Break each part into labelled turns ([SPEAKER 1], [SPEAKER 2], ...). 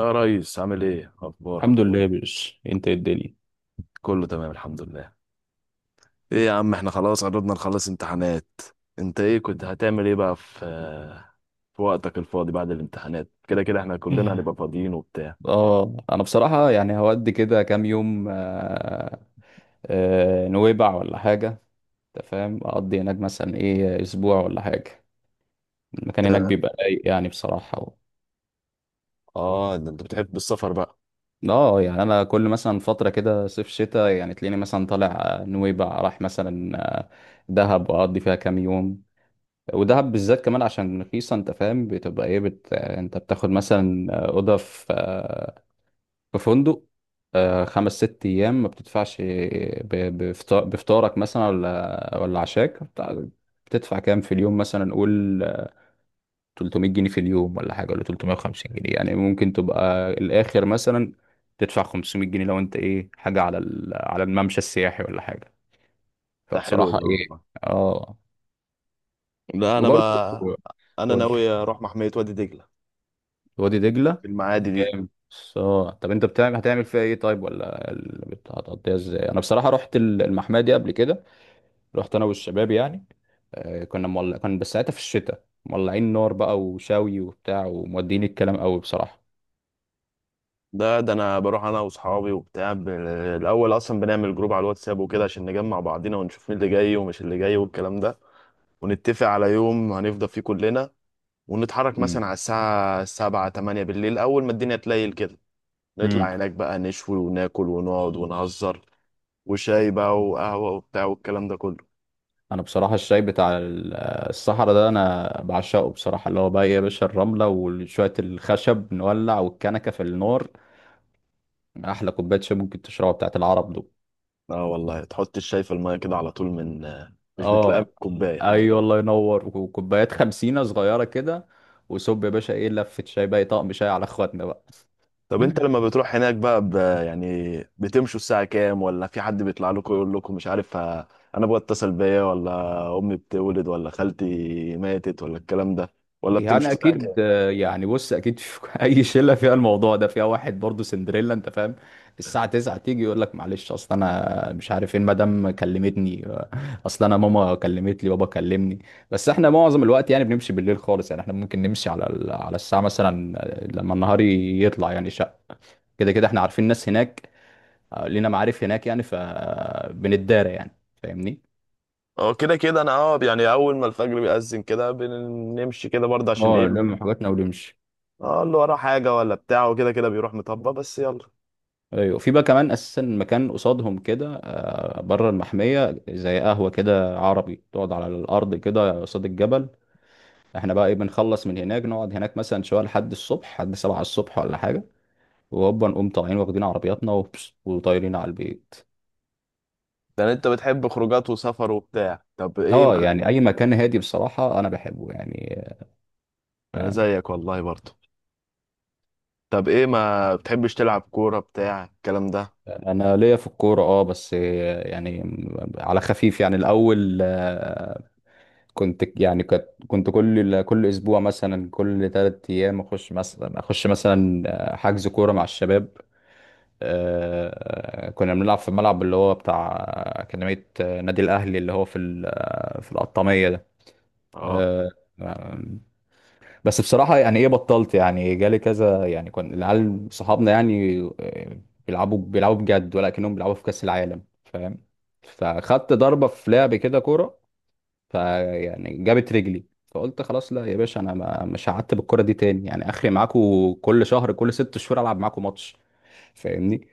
[SPEAKER 1] يا ريس، عامل ايه؟ اخبارك؟
[SPEAKER 2] الحمد لله يا باشا، انت ايه الدنيا؟
[SPEAKER 1] كله تمام، الحمد لله. ايه يا عم، احنا خلاص قربنا نخلص امتحانات. انت ايه كنت هتعمل ايه بقى في في وقتك الفاضي بعد الامتحانات؟ كده كده احنا كلنا
[SPEAKER 2] إيه.
[SPEAKER 1] هنبقى فاضيين وبتاع.
[SPEAKER 2] اه، انا بصراحة هودي كده كام يوم. نويبع ولا حاجة. انت فاهم، اقضي هناك مثلا ايه، اسبوع ولا حاجة. المكان هناك
[SPEAKER 1] انت-
[SPEAKER 2] بيبقى رايق يعني بصراحة
[SPEAKER 1] اه ده انت بتحب السفر بقى.
[SPEAKER 2] اه يعني انا كل مثلا فترة كده صيف شتاء يعني تلاقيني مثلا طالع نويبع، راح مثلا دهب واقضي فيها كام يوم. ودهب بالذات كمان عشان رخيصة. انت فاهم، بتبقى ايه بت... آه، انت بتاخد مثلا اوضة في في فندق خمس ست أيام ما بتدفعش بفطارك مثلا ولا عشاك بتدفع كام في اليوم مثلا، قول 300 جنيه في اليوم ولا حاجة، ولا 350 جنيه. يعني ممكن تبقى الآخر مثلا تدفع 500 جنيه لو أنت إيه، حاجة على الممشى السياحي ولا حاجة.
[SPEAKER 1] ده حلو
[SPEAKER 2] فبصراحة
[SPEAKER 1] ده
[SPEAKER 2] إيه،
[SPEAKER 1] والله.
[SPEAKER 2] آه.
[SPEAKER 1] لا انا
[SPEAKER 2] وبرضه
[SPEAKER 1] بقى، انا
[SPEAKER 2] قول،
[SPEAKER 1] ناوي اروح محمية وادي دجلة
[SPEAKER 2] وادي دجلة.
[SPEAKER 1] في المعادي
[SPEAKER 2] طب
[SPEAKER 1] دي.
[SPEAKER 2] جامد. بس اه، طب انت هتعمل فيها ايه طيب؟ هتقضيها ازاي؟ انا بصراحة رحت المحمية دي قبل كده. رحت انا والشباب يعني كنا مولع، كان بس ساعتها في الشتاء، مولعين نار بقى وشاوي وبتاع، ومودين الكلام قوي بصراحة.
[SPEAKER 1] ده انا بروح انا واصحابي وبتاع الاول اصلا بنعمل جروب على الواتساب وكده عشان نجمع بعضينا ونشوف مين اللي جاي ومش اللي جاي والكلام ده. ونتفق على يوم هنفضى فيه كلنا، ونتحرك
[SPEAKER 2] امم.
[SPEAKER 1] مثلا على الساعة سبعة تمانية بالليل، أول ما الدنيا تليل كده
[SPEAKER 2] امم.
[SPEAKER 1] نطلع هناك بقى، نشوي وناكل ونقعد ونهزر، وشاي بقى وقهوة وبتاع والكلام ده كله.
[SPEAKER 2] انا بصراحة الشاي بتاع الصحراء ده انا بعشقه بصراحة، اللي هو بقى إيه يا باشا، الرملة وشوية الخشب نولع والكنكة في النار. احلى كوباية شاي ممكن تشربها بتاعت العرب دول.
[SPEAKER 1] اه والله، تحط الشاي في المية كده على طول، مش بتلاقيها
[SPEAKER 2] اه.
[SPEAKER 1] بالكوباية.
[SPEAKER 2] ايوه، الله ينور، وكوبايات خمسينة صغيرة كده. وصب يا باشا، ايه، لفة شاي بقى، طقم شاي على اخواتنا بقى.
[SPEAKER 1] طب انت لما بتروح هناك بقى يعني بتمشوا الساعة كام؟ ولا في حد بيطلع لكم يقول لكم مش عارف انا ابويا اتصل بيا، ولا امي بتولد، ولا خالتي ماتت، ولا الكلام ده؟ ولا بتمشوا
[SPEAKER 2] يعني
[SPEAKER 1] الساعة؟
[SPEAKER 2] اكيد آه، يعني بص، اكيد في اي شله فيها الموضوع ده فيها واحد برضه سندريلا. انت فاهم، الساعه 9 تيجي يقول لك معلش، اصل انا مش عارف ايه، المدام كلمتني اصل انا ماما كلمت لي، بابا كلمني. بس احنا معظم الوقت يعني بنمشي بالليل خالص. يعني احنا ممكن نمشي على الساعه مثلا لما النهار يطلع يعني شق. كده كده احنا عارفين ناس هناك لينا معارف هناك يعني، فبنتدارى يعني. فاهمني.
[SPEAKER 1] اه، كده كده انا اه يعني اول ما الفجر بيأذن كده بنمشي كده برضه، عشان ايه؟
[SPEAKER 2] اه نلم حاجاتنا ونمشي.
[SPEAKER 1] اه، اللي وراه حاجه ولا بتاع وكده كده بيروح مطبق، بس يلا.
[SPEAKER 2] ايوه، في بقى كمان اساسا مكان قصادهم كده بره المحميه، زي قهوه كده عربي، تقعد على الارض كده قصاد الجبل. احنا بقى ايه، بنخلص من هناك نقعد هناك مثلا شويه لحد الصبح، لحد سبعة الصبح ولا حاجه. وهوبا نقوم طالعين، واخدين عربياتنا وبس، وطايرين على البيت.
[SPEAKER 1] يعني انت بتحب خروجات وسفر وبتاع؟ طب ايه
[SPEAKER 2] اه
[SPEAKER 1] ما
[SPEAKER 2] يعني اي مكان هادي بصراحه انا بحبه يعني.
[SPEAKER 1] انا
[SPEAKER 2] آه.
[SPEAKER 1] زيك والله برضه. طب ايه ما بتحبش تلعب كوره بتاع الكلام ده؟
[SPEAKER 2] انا ليا في الكوره اه، بس يعني على خفيف يعني. الاول كنت يعني، كنت كل اسبوع مثلا، كل ثلاث ايام اخش مثلا، حجز كوره مع الشباب. كنا بنلعب في الملعب اللي هو بتاع اكاديميه نادي الاهلي، اللي هو في القطاميه ده.
[SPEAKER 1] اه،
[SPEAKER 2] آه، بس بصراحة يعني ايه، بطلت، يعني جالي كذا يعني، كان العيال صحابنا يعني بيلعبوا بجد، ولكنهم بيلعبوا في كأس العالم، فاهم؟ فخدت ضربة في لعب كده كورة، فيعني جابت رجلي، فقلت خلاص، لا يا باشا انا ما مش قعدت بالكورة دي تاني يعني. اخري معاكوا كل شهر، كل ست شهور العب معاكوا ماتش. فاهمني.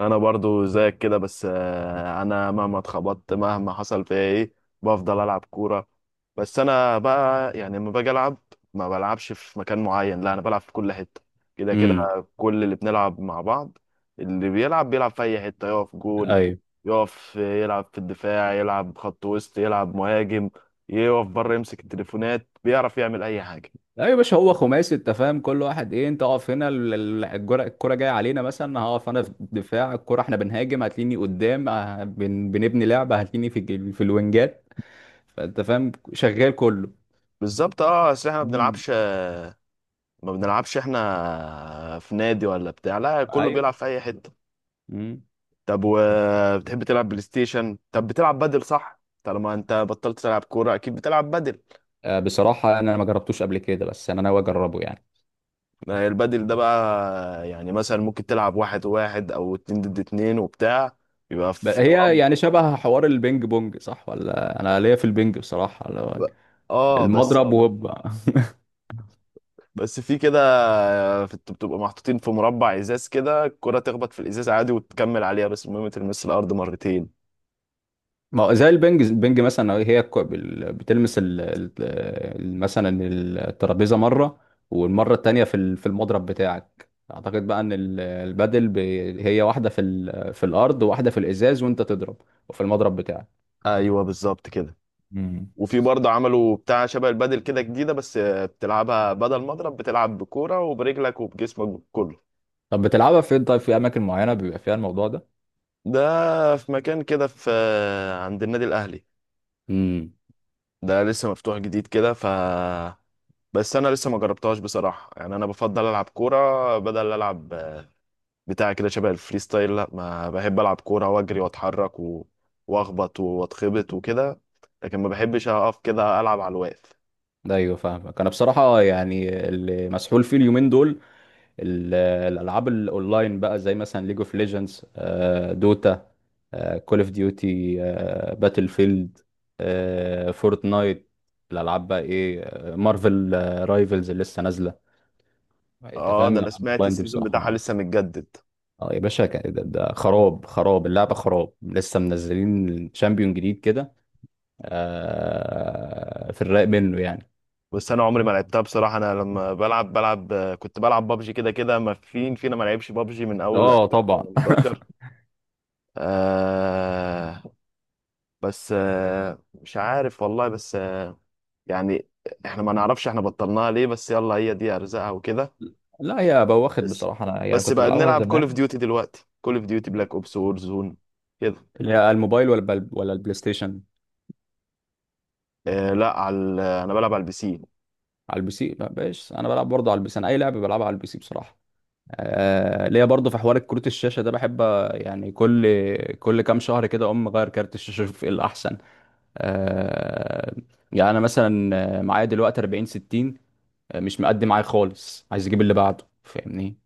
[SPEAKER 1] انا برضو زيك كده، بس انا مهما اتخبطت، مهما حصل فيا ايه، بفضل العب كوره. بس انا بقى يعني لما باجي العب ما بلعبش في مكان معين، لا، انا بلعب في كل حته كده كده.
[SPEAKER 2] امم.
[SPEAKER 1] كل اللي بنلعب مع بعض، اللي بيلعب بيلعب في اي حته، يقف جون، يقف يلعب في الدفاع، يلعب خط وسط، يلعب مهاجم، يقف بره يمسك التليفونات، بيعرف يعمل اي حاجه.
[SPEAKER 2] لا يا باشا، هو خماسي. انت فاهم، كل واحد ايه، انت اقف هنا، الكرة جايه علينا مثلا، هقف انا في الدفاع، الكرة احنا بنهاجم هتلاقيني قدام اه، بنبني لعبة هتلاقيني في الوينجات. فانت فاهم، شغال كله.
[SPEAKER 1] بالظبط، اه، اصل احنا ما
[SPEAKER 2] امم.
[SPEAKER 1] بنلعبش، ما بنلعبش احنا في نادي ولا بتاع، لا، كله
[SPEAKER 2] ايوه.
[SPEAKER 1] بيلعب في اي حته.
[SPEAKER 2] امم.
[SPEAKER 1] طب وبتحب تلعب بلاي ستيشن؟ طب بتلعب بدل؟ صح، طالما انت بطلت تلعب كوره اكيد بتلعب بدل.
[SPEAKER 2] آه، بصراحة انا ما جربتوش قبل كده، بس انا ناوي اجربه يعني.
[SPEAKER 1] ما هي البدل ده بقى يعني مثلا ممكن تلعب واحد واحد، او اتنين ضد اتنين وبتاع، يبقى في
[SPEAKER 2] هي
[SPEAKER 1] مربع.
[SPEAKER 2] يعني شبه حوار البينج بونج، صح؟ ولا انا ليا في البينج بصراحة، اللي هو
[SPEAKER 1] اه بس،
[SPEAKER 2] المضرب وهوب.
[SPEAKER 1] في كده، بتبقى محطوطين في مربع ازاز كده، الكره تخبط في الازاز عادي وتكمل عليها، بس المهم تلمس الارض مرتين.
[SPEAKER 2] ما هو زي البنج مثلا، هي بتلمس مثلا الترابيزه مره، والمره التانيه في في المضرب بتاعك. اعتقد بقى ان البادل هي واحده في في الارض، وواحده في الازاز وانت تضرب، وفي المضرب بتاعك.
[SPEAKER 1] ايوه بالظبط كده.
[SPEAKER 2] مم.
[SPEAKER 1] وفي برضه عملوا بتاع شبه البادل كده جديدة، بس بتلعبها بدل مضرب بتلعب بكورة وبرجلك وبجسمك كله.
[SPEAKER 2] طب بتلعبها فين طيب؟ في اماكن معينه بيبقى فيها الموضوع ده؟
[SPEAKER 1] ده في مكان كده في عند النادي الأهلي،
[SPEAKER 2] امم.
[SPEAKER 1] ده لسه مفتوح جديد كده، ف بس أنا لسه ما جربتهاش بصراحة. يعني أنا بفضل ألعب كورة بدل ألعب بتاع كده شبه الفري ستايل. لا، ما بحب ألعب كورة وأجري وأتحرك وأخبط وأتخبط وكده، لكن ما بحبش أقف كده ألعب على الواقف.
[SPEAKER 2] ده ايوه، فاهمك. انا بصراحه يعني اللي مسحول فيه اليومين دول الالعاب الاونلاين بقى، زي مثلا ليج اوف ليجندز، دوتا، كول اوف ديوتي، باتل فيلد، فورتنايت، الالعاب بقى ايه، مارفل رايفلز اللي لسه نازله. انت
[SPEAKER 1] اه، ده
[SPEAKER 2] فاهم
[SPEAKER 1] أنا
[SPEAKER 2] الالعاب
[SPEAKER 1] سمعت
[SPEAKER 2] الاونلاين دي
[SPEAKER 1] السيزون بتاعها
[SPEAKER 2] بصراحه.
[SPEAKER 1] لسه متجدد.
[SPEAKER 2] اه يا باشا، ده خراب اللعبه، خراب، لسه منزلين شامبيون جديد كده في الرايق منه يعني.
[SPEAKER 1] بس انا عمري ما لعبتها بصراحه. انا لما بلعب بلعب، كنت بلعب بابجي. كده كده ما فين فينا ما لعبش بابجي من اول
[SPEAKER 2] اه طبعا.
[SPEAKER 1] 2018. آه، بس آه مش عارف والله، بس آه، يعني احنا ما نعرفش احنا بطلناها ليه، بس يلا هي دي ارزاقها وكده.
[SPEAKER 2] لا، هي بواخد
[SPEAKER 1] بس
[SPEAKER 2] بصراحه، انا يعني
[SPEAKER 1] بس
[SPEAKER 2] كنت
[SPEAKER 1] بقى
[SPEAKER 2] بلعبها
[SPEAKER 1] بنلعب كول اوف
[SPEAKER 2] زمان.
[SPEAKER 1] ديوتي دلوقتي، كول اوف ديوتي بلاك اوبس وور زون كده.
[SPEAKER 2] اللي هي الموبايل ولا البلاي ستيشن؟
[SPEAKER 1] آه لا، انا بلعب على البي سي.
[SPEAKER 2] على البي سي. ما بقاش، انا بلعب برضه على البي سي. انا اي لعبه بلعبها على البي سي بصراحه. آه ليا برضه في حوار كروت الشاشه ده، بحب آه، يعني كل كام شهر كده اقوم مغير كارت الشاشه، اشوف ايه الاحسن. آه، يعني انا مثلا معايا دلوقتي 40 60 مش مقدي معايا خالص، عايز اجيب اللي بعده. فاهمني.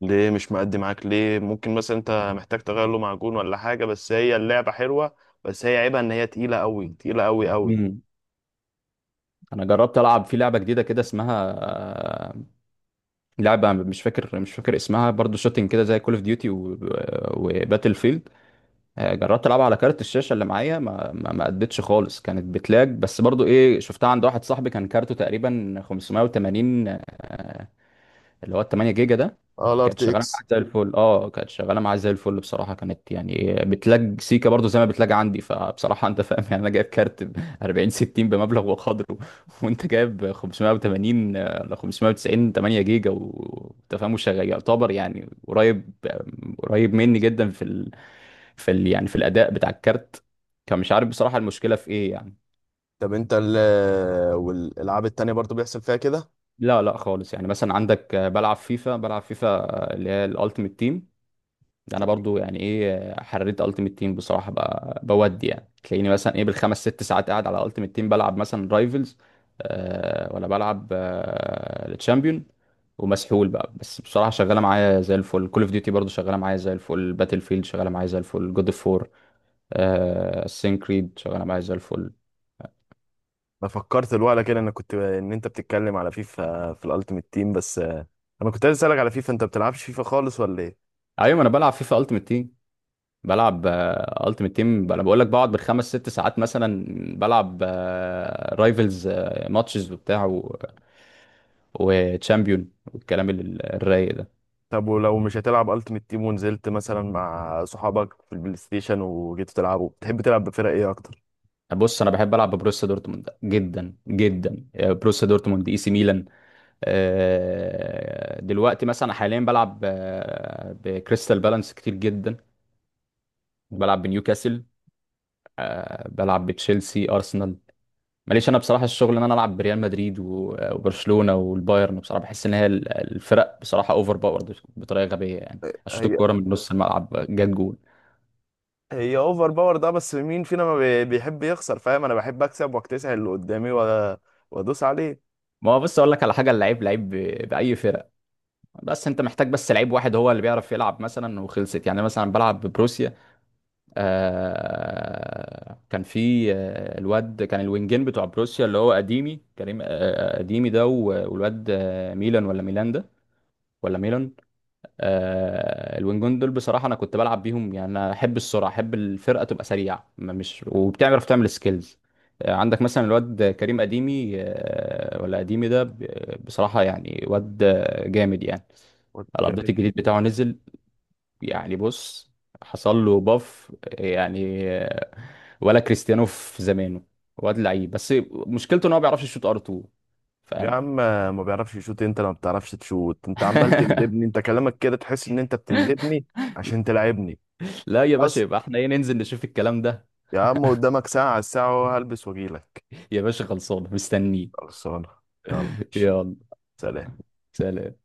[SPEAKER 1] ليه مش مأدي معاك ليه؟ ممكن مثلا انت محتاج تغير له معجون ولا حاجة، بس هي اللعبة حلوة. بس هي عيبها ان هي تقيلة قوي، تقيلة قوي قوي.
[SPEAKER 2] مم. انا جربت العب في لعبه جديده كده اسمها آه، لعبه مش فاكر، اسمها برضو، شوتنج كده زي كول اوف ديوتي وباتل فيلد. جربت العبها على كارت الشاشه اللي معايا، ما ما ما ادتش خالص، كانت بتلاج. بس برضو ايه، شفتها عند واحد صاحبي، كان كارته تقريبا 580، اللي هو ال 8 جيجا ده.
[SPEAKER 1] اه، الار
[SPEAKER 2] كانت
[SPEAKER 1] تي
[SPEAKER 2] شغاله
[SPEAKER 1] اكس.
[SPEAKER 2] معايا زي الفل. اه، كانت شغاله معايا زي الفل بصراحه، كانت يعني بتلاج سيكا برضو زي ما بتلاج عندي. فبصراحه انت فاهم يعني، انا جايب كارت ب 40 60 بمبلغ وقدره وانت جايب 580 ل 590 8 جيجا، وانت فاهم وشغال، يعتبر يعني قريب، قريب مني جدا يعني في الاداء بتاع الكارت. كان مش عارف بصراحه المشكله في ايه يعني.
[SPEAKER 1] طب انت ال والالعاب التانية برضو بيحصل فيها كده؟
[SPEAKER 2] لا لا خالص، يعني مثلا عندك بلعب فيفا اللي هي الالتيميت تيم، ده انا برضو يعني ايه، حريت التيمت تيم بصراحه بقى بودي. يعني تلاقيني مثلا ايه، بالخمس ست ساعات قاعد على التيمت تيم بلعب مثلا رايفلز، آه، ولا بلعب آه التشامبيون. ومسحول بقى، بس بصراحه شغاله معايا زي الفل، كول اوف ديوتي برضو شغاله معايا زي الفل، باتل فيلد شغاله معايا زي الفل، جود اوف وور آه، كريد، شغاله معايا زي الفل.
[SPEAKER 1] انا فكرت الوقت كده انا كنت ان انت بتتكلم على فيفا في الالتيميت تيم، بس انا كنت عايز اسالك على فيفا، انت بتلعبش فيفا خالص ولا ايه؟
[SPEAKER 2] ايوه، انا بلعب فيفا التيمت تيم، بلعب التيمت تيم. انا بقول لك بقعد بالخمس ست ساعات مثلا بلعب رايفلز، ماتشز وبتاع، وتشامبيون، والكلام الرايق ده.
[SPEAKER 1] طب ولو مش هتلعب التيميت تيم ونزلت مثلا مع صحابك في البلاي ستيشن وجيتوا تلعبوا، بتحب تلعب بفرق ايه اكتر؟
[SPEAKER 2] بص انا بحب العب ببروسيا دورتموند جدا جدا. آه، بروسيا دورتموند، اي سي ميلان دلوقتي مثلا حاليا بلعب بكريستال بالانس كتير جدا، بلعب بنيوكاسل بلعب بتشيلسي، ارسنال. ماليش انا بصراحه الشغل ان انا العب بريال مدريد وبرشلونه والبايرن، بصراحه بحس ان هي الفرق بصراحه اوفر باورد بطريقه غبيه يعني. اشوط
[SPEAKER 1] هي
[SPEAKER 2] الكوره من نص الملعب، جت جول.
[SPEAKER 1] هي اوفر باور ده، بس مين فينا ما بيحب يخسر؟ فاهم، انا بحب اكسب واكتسح اللي قدامي وادوس عليه.
[SPEAKER 2] ما هو بص اقول لك على حاجه، اللعيب لعيب باي فرقه، بس انت محتاج بس لعيب واحد هو اللي بيعرف يلعب مثلا وخلصت. يعني مثلا بلعب ببروسيا آه، كان في الواد، كان الوينجين بتوع بروسيا اللي هو قديمي، كريم آه، قديمي ده والواد ميلان ده، ولا ميلان الوينجون دول. بصراحه انا كنت بلعب بيهم، يعني انا احب السرعه، احب الفرقه تبقى سريعه، ما- مش وبتعرف تعمل سكيلز. عندك مثلا الواد كريم اديمي آه، ولا اديمي ده ب- بصراحه يعني واد آه، جامد يعني. الابديت
[SPEAKER 1] جامد.
[SPEAKER 2] الجديد بتاعه نزل. يعني بص، حصل له باف يعني آه، ولا كريستيانو في زمانه، واد لعيب، بس مشكلته ان هو ما بيعرفش يشوط ار 2،
[SPEAKER 1] يا
[SPEAKER 2] فاهم؟
[SPEAKER 1] عم ما بيعرفش يشوت؟ انت ما بتعرفش تشوت؟ انت عمال تندبني، انت كلامك كده تحس ان انت بتندبني عشان تلعبني.
[SPEAKER 2] لا يا باشا،
[SPEAKER 1] خلاص
[SPEAKER 2] يبقى احنا ايه، ننزل نشوف الكلام ده.
[SPEAKER 1] يا عم، قدامك ساعة على الساعة وهلبس واجيلك.
[SPEAKER 2] يا باشا خلصانه، مستنيه.
[SPEAKER 1] خلصانة. يلا.
[SPEAKER 2] يلا.
[SPEAKER 1] سلام.
[SPEAKER 2] سلام.